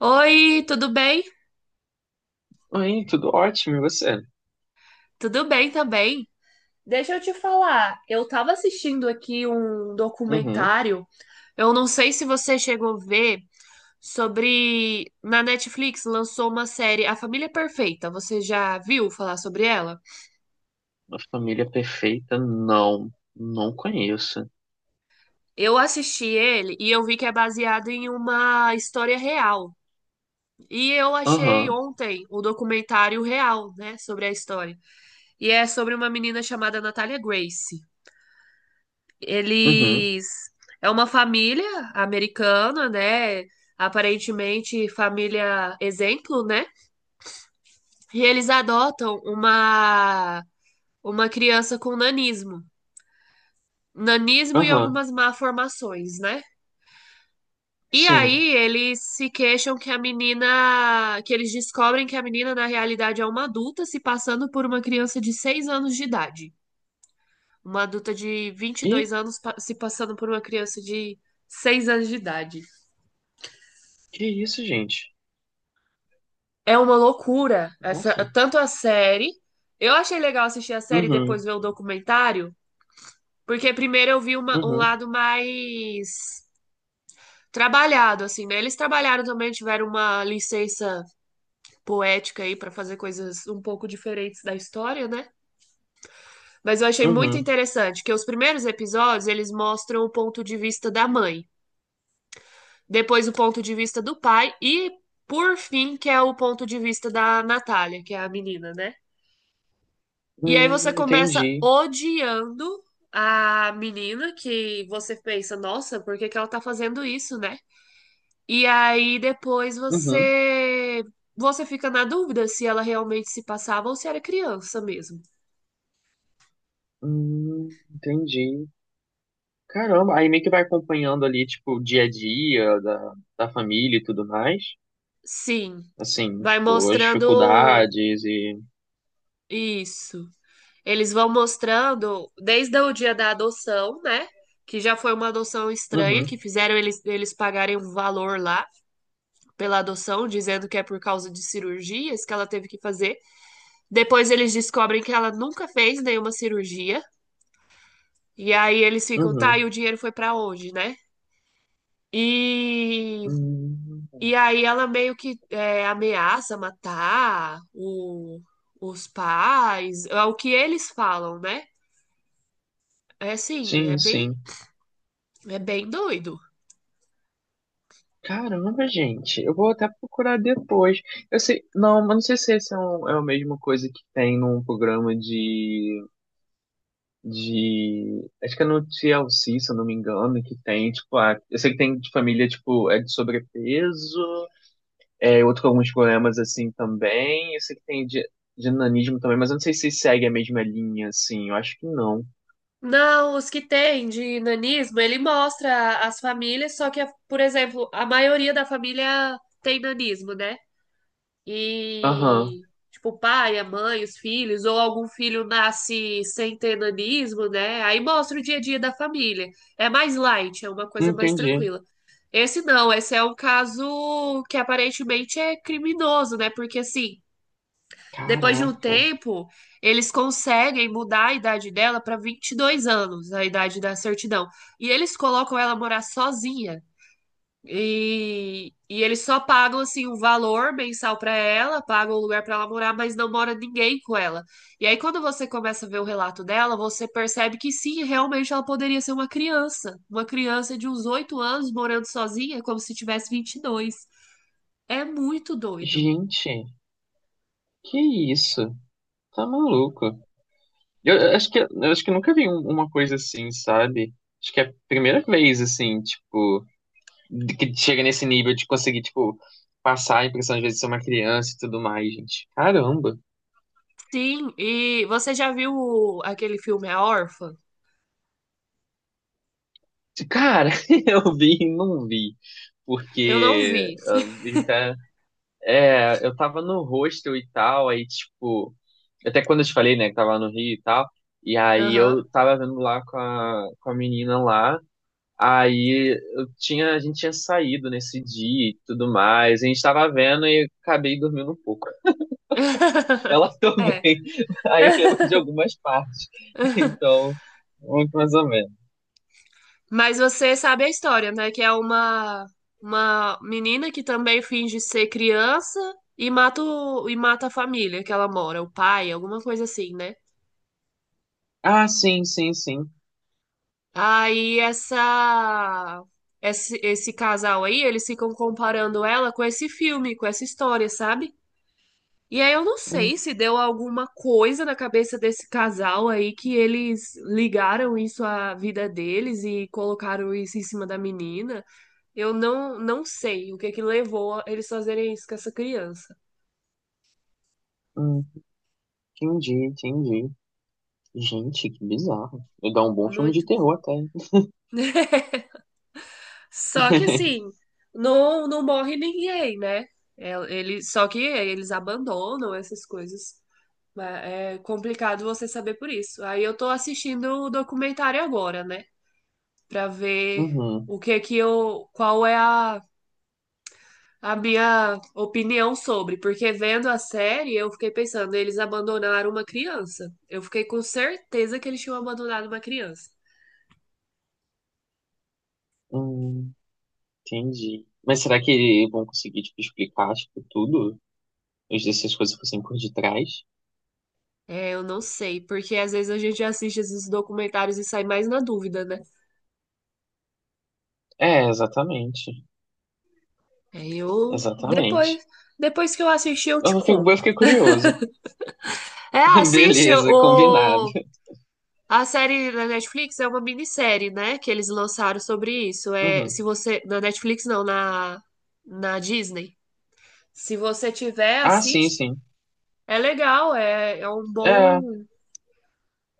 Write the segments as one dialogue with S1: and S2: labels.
S1: Oi, tudo bem?
S2: Oi, tudo ótimo, e você?
S1: Tudo bem também. Deixa eu te falar, eu tava assistindo aqui um
S2: Uhum.
S1: documentário, eu não sei se você chegou a ver, sobre. Na Netflix lançou uma série, A Família Perfeita. Você já viu falar sobre ela?
S2: Uma família perfeita? Não, não conheço.
S1: Eu assisti ele e eu vi que é baseado em uma história real. E eu achei
S2: Aham,
S1: ontem o documentário real, né, sobre a história. E é sobre uma menina chamada Natália Grace.
S2: uhum,
S1: Eles É uma família americana, né? Aparentemente família exemplo, né? E eles adotam uma criança com nanismo, nanismo e
S2: aham,
S1: algumas malformações, né? E
S2: sim.
S1: aí eles se queixam que a menina, que eles descobrem que a menina na realidade é uma adulta se passando por uma criança de 6 anos de idade. Uma adulta de vinte e dois
S2: Ih,
S1: anos se passando por uma criança de 6 anos de idade.
S2: que isso, gente?
S1: É uma loucura. Essa,
S2: Nossa.
S1: tanto a série. Eu achei legal assistir a série e
S2: Uhum,
S1: depois ver o documentário, porque primeiro eu vi um
S2: uhum,
S1: lado mais trabalhado, assim, né? Eles trabalharam também, tiveram uma licença poética aí para fazer coisas um pouco diferentes da história, né? Mas eu achei muito
S2: uhum.
S1: interessante que os primeiros episódios eles mostram o ponto de vista da mãe, depois o ponto de vista do pai e, por fim, que é o ponto de vista da Natália, que é a menina, né? E aí você começa
S2: Entendi.
S1: odiando a menina que você pensa, nossa, por que que ela tá fazendo isso, né? E aí depois
S2: Uhum,
S1: você fica na dúvida se ela realmente se passava ou se era criança mesmo.
S2: entendi. Caramba, aí meio que vai acompanhando ali, tipo, o dia a dia da família e tudo mais.
S1: Sim,
S2: Assim,
S1: vai
S2: tipo, as
S1: mostrando
S2: dificuldades e.
S1: isso. Eles vão mostrando desde o dia da adoção, né? Que já foi uma adoção estranha,
S2: Uhum,
S1: que fizeram eles, eles pagarem um valor lá pela adoção, dizendo que é por causa de cirurgias que ela teve que fazer. Depois eles descobrem que ela nunca fez nenhuma cirurgia. E aí eles ficam, tá,
S2: uhum.
S1: e o dinheiro foi pra onde, né? E,
S2: Hum,
S1: e aí ela meio que ameaça matar os pais, é o que eles falam, né? É assim, é
S2: sim,
S1: bem,
S2: sim.
S1: é bem doido.
S2: Caramba, gente, eu vou até procurar depois. Eu sei, não, mas não sei se esse é a mesma coisa que tem num programa de, acho que é no TLC, se eu não me engano, que tem, tipo, ah, eu sei que tem de família, tipo, é de sobrepeso, é outro com alguns problemas assim também, eu sei que tem de nanismo também, mas eu não sei se segue a mesma linha, assim, eu acho que não.
S1: Não, os que têm de nanismo, ele mostra as famílias, só que, por exemplo, a maioria da família tem nanismo, né?
S2: Aham,
S1: E tipo o pai, a mãe, os filhos, ou algum filho nasce sem ter nanismo, né? Aí mostra o dia a dia da família. É mais light, é uma coisa mais
S2: entendi.
S1: tranquila. Esse não, esse é um caso que aparentemente é criminoso, né? Porque assim, depois de um
S2: Caraca,
S1: tempo, eles conseguem mudar a idade dela para 22 anos, a idade da certidão. E eles colocam ela morar sozinha. E eles só pagam assim um valor mensal pra ela, pagam um lugar pra ela morar, mas não mora ninguém com ela. E aí quando você começa a ver o relato dela, você percebe que sim, realmente ela poderia ser uma criança de uns 8 anos morando sozinha, como se tivesse 22. É muito doido.
S2: gente, que isso? Tá maluco? Eu acho que nunca vi uma coisa assim, sabe? Acho que é a primeira vez, assim, tipo, que chega nesse nível de conseguir, tipo, passar a impressão às vezes de ser uma criança e tudo mais, gente. Caramba!
S1: Sim, e você já viu aquele filme A Órfã?
S2: Cara, eu vi e não vi.
S1: Eu não
S2: Porque
S1: vi.
S2: ah, é, eu tava no hostel e tal, aí, tipo, até quando eu te falei, né, que tava no Rio e tal, e aí
S1: Aham.
S2: eu tava vendo lá com a menina lá. Aí eu tinha, a gente tinha saído nesse dia e tudo mais. A gente tava vendo e eu acabei dormindo um pouco. Ela
S1: É.
S2: também. Aí eu lembro de algumas partes. Então, muito mais ou menos.
S1: Mas você sabe a história, né? Que é uma menina que também finge ser criança e mata, e mata a família que ela mora, o pai, alguma coisa assim, né?
S2: Ah, sim, sim, sim.
S1: Aí essa, esse casal aí, eles ficam comparando ela com esse filme, com essa história, sabe? E aí eu não
S2: Hum,
S1: sei se deu alguma coisa na cabeça desse casal aí que eles ligaram isso à vida deles e colocaram isso em cima da menina. Eu não, não sei o que que levou a eles fazerem isso com essa criança.
S2: hum, entendi, entendi. Gente, que bizarro. Vai dar um bom filme de
S1: Muito
S2: terror
S1: bizarro.
S2: até, hein?
S1: Só que assim, não, não morre ninguém, né? É, ele, só que eles abandonam essas coisas. É complicado você saber por isso. Aí eu tô assistindo o documentário agora, né? Pra ver
S2: Uhum,
S1: o que que eu, qual é a minha opinião sobre. Porque vendo a série, eu fiquei pensando, eles abandonaram uma criança. Eu fiquei com certeza que eles tinham abandonado uma criança.
S2: hum, entendi. Mas será que vão conseguir, tipo, explicar, tipo, tudo, se essas coisas fossem por detrás?
S1: É, eu não sei, porque às vezes a gente assiste esses documentários e sai mais na dúvida, né?
S2: É, exatamente.
S1: Aí eu
S2: Exatamente.
S1: depois, depois que eu assistir eu te
S2: Eu fiquei, eu
S1: conto.
S2: fiquei curioso.
S1: É, assiste
S2: Beleza, combinado.
S1: o a série da Netflix é uma minissérie, né, que eles lançaram sobre isso. É, se
S2: Uhum.
S1: você na Netflix não, na Disney. Se você tiver,
S2: Ah, sim,
S1: assiste.
S2: sim.
S1: É legal,
S2: É,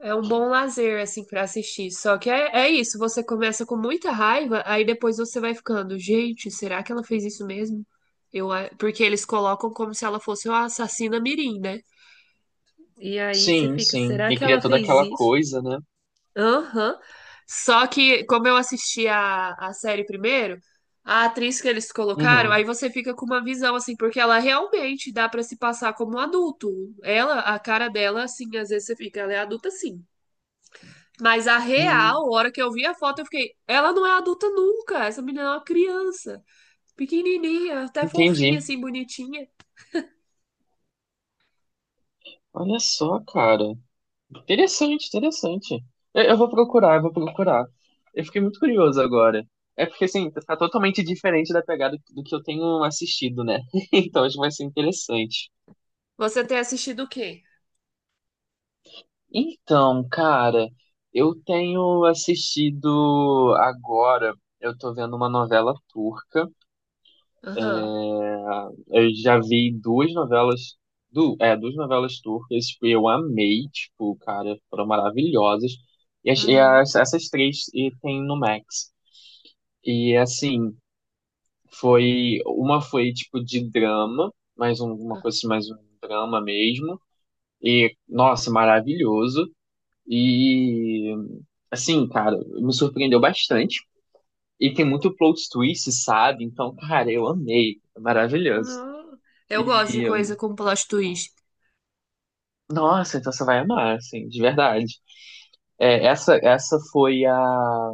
S1: É um bom lazer, assim, pra assistir. Só que é, é isso, você começa com muita raiva, aí depois você vai ficando, gente, será que ela fez isso mesmo? Eu, a- porque eles colocam como se ela fosse uma assassina mirim, né? E aí você
S2: sim,
S1: fica,
S2: sim.
S1: será
S2: E
S1: que
S2: cria
S1: ela
S2: toda
S1: fez
S2: aquela
S1: isso?
S2: coisa, né?
S1: Aham. Só que, como eu assisti a série primeiro, a atriz que eles colocaram,
S2: Uhum.
S1: aí você fica com uma visão, assim, porque ela realmente dá pra se passar como um adulto. Ela, a cara dela, assim, às vezes você fica, ela é adulta, sim. Mas a
S2: Hum,
S1: real, a hora que eu vi a foto, eu fiquei, ela não é adulta nunca. Essa menina é uma criança, pequenininha, até fofinha,
S2: entendi.
S1: assim, bonitinha.
S2: Olha só, cara. Interessante, interessante. Eu vou procurar, eu vou procurar. Eu fiquei muito curioso agora. É porque, assim, tá totalmente diferente da pegada do que eu tenho assistido, né? Então, acho que vai ser interessante.
S1: Você tem assistido o quê?
S2: Então, cara, eu tenho assistido agora, eu tô vendo uma novela turca.
S1: Aham.
S2: Ah, eu já vi duas novelas, duas novelas turcas, tipo, eu amei, tipo, cara, foram maravilhosas. E,
S1: Uhum.
S2: essas três e tem no Max. E assim, foi tipo de drama, mais uma coisa assim, mais um drama mesmo. E nossa, maravilhoso. E, assim, cara, me surpreendeu bastante. E tem muito plot twist, sabe? Então, cara, eu amei. É maravilhoso.
S1: Não. Eu gosto de
S2: E,
S1: coisa com plot twist.
S2: nossa, então você vai amar, assim, de verdade. É, essa foi a.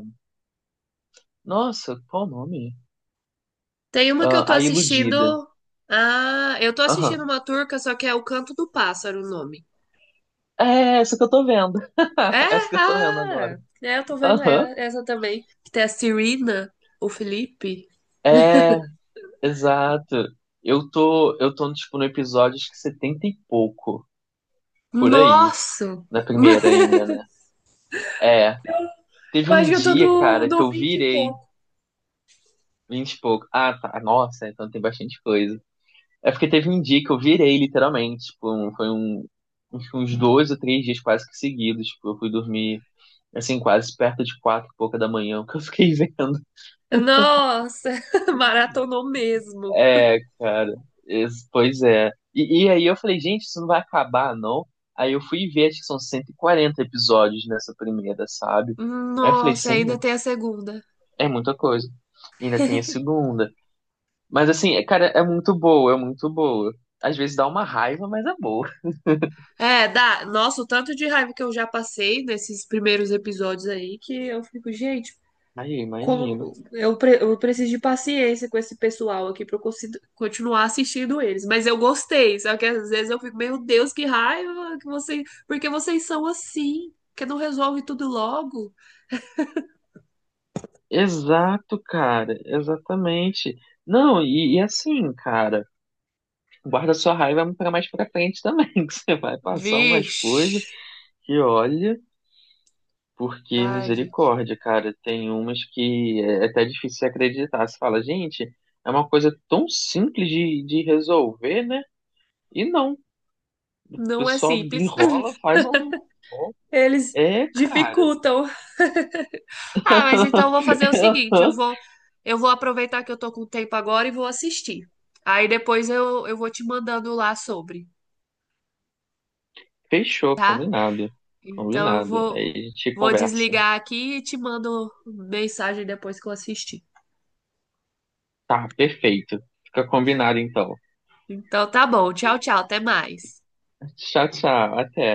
S2: Nossa, qual o nome?
S1: Tem uma que eu tô
S2: Ah, a
S1: assistindo.
S2: Iludida.
S1: Ah, eu tô assistindo
S2: Aham.
S1: uma turca, só que é O Canto do Pássaro o nome.
S2: É essa que eu tô vendo.
S1: É?
S2: Essa que eu tô vendo agora.
S1: Ah! É, eu tô vendo
S2: Aham.
S1: essa também. Que tem a Serena, o Felipe.
S2: É, exato. Eu tô, tipo, no episódio acho que 70 e pouco, por aí.
S1: Nossa!
S2: Na primeira ainda, né? É, teve
S1: Eu acho
S2: um
S1: que eu tô
S2: dia,
S1: no,
S2: cara, que
S1: no
S2: eu
S1: 20 e
S2: virei
S1: pouco.
S2: 20 e pouco. Ah, tá. Nossa, então tem bastante coisa. É porque teve um dia que eu virei, literalmente. Tipo, foi um, uns 2 ou 3 dias quase que seguidos. Tipo, eu fui dormir, assim, quase perto de 4 e pouca da manhã, o que eu fiquei vendo.
S1: Nossa, maratonou mesmo.
S2: É, cara. Pois é. E aí eu falei, gente, isso não vai acabar, não? Aí eu fui ver, acho que são 140 episódios nessa primeira, sabe? Aí eu falei,
S1: Nossa, ainda
S2: senhor,
S1: tem a segunda.
S2: é muita coisa. E ainda tem a segunda. Mas assim, cara, é muito boa, é muito boa. Às vezes dá uma raiva, mas é boa.
S1: É, dá. Nossa, o tanto de raiva que eu já passei nesses primeiros episódios aí que eu fico, gente,
S2: Aí, imagino.
S1: como eu preciso de paciência com esse pessoal aqui pra eu continuar assistindo eles. Mas eu gostei, só que às vezes eu fico, meu Deus, que raiva que vocês, porque vocês são assim, que não resolve tudo logo.
S2: Exato, cara, exatamente. Não, e assim, cara, guarda sua raiva pra mais pra frente também, que você vai passar umas coisas
S1: Vixe.
S2: que olha, porque
S1: Ai, gente,
S2: misericórdia, cara, tem umas que é até difícil de acreditar. Você fala, gente, é uma coisa tão simples de resolver, né? E não, o
S1: não é
S2: pessoal
S1: simples.
S2: enrola, faz um.
S1: Eles
S2: É, cara.
S1: dificultam. Ah, mas então eu vou fazer o seguinte, eu vou eu vou aproveitar que eu tô com tempo agora e vou assistir. Aí depois eu vou te mandando lá sobre.
S2: Fechou, combinado.
S1: Então eu
S2: Combinado. Aí
S1: vou
S2: a gente
S1: vou
S2: conversa.
S1: desligar aqui e te mando mensagem depois que eu assistir.
S2: Tá, perfeito. Fica combinado então.
S1: Então tá bom, tchau, tchau, até mais.
S2: Tchau, tchau. Até.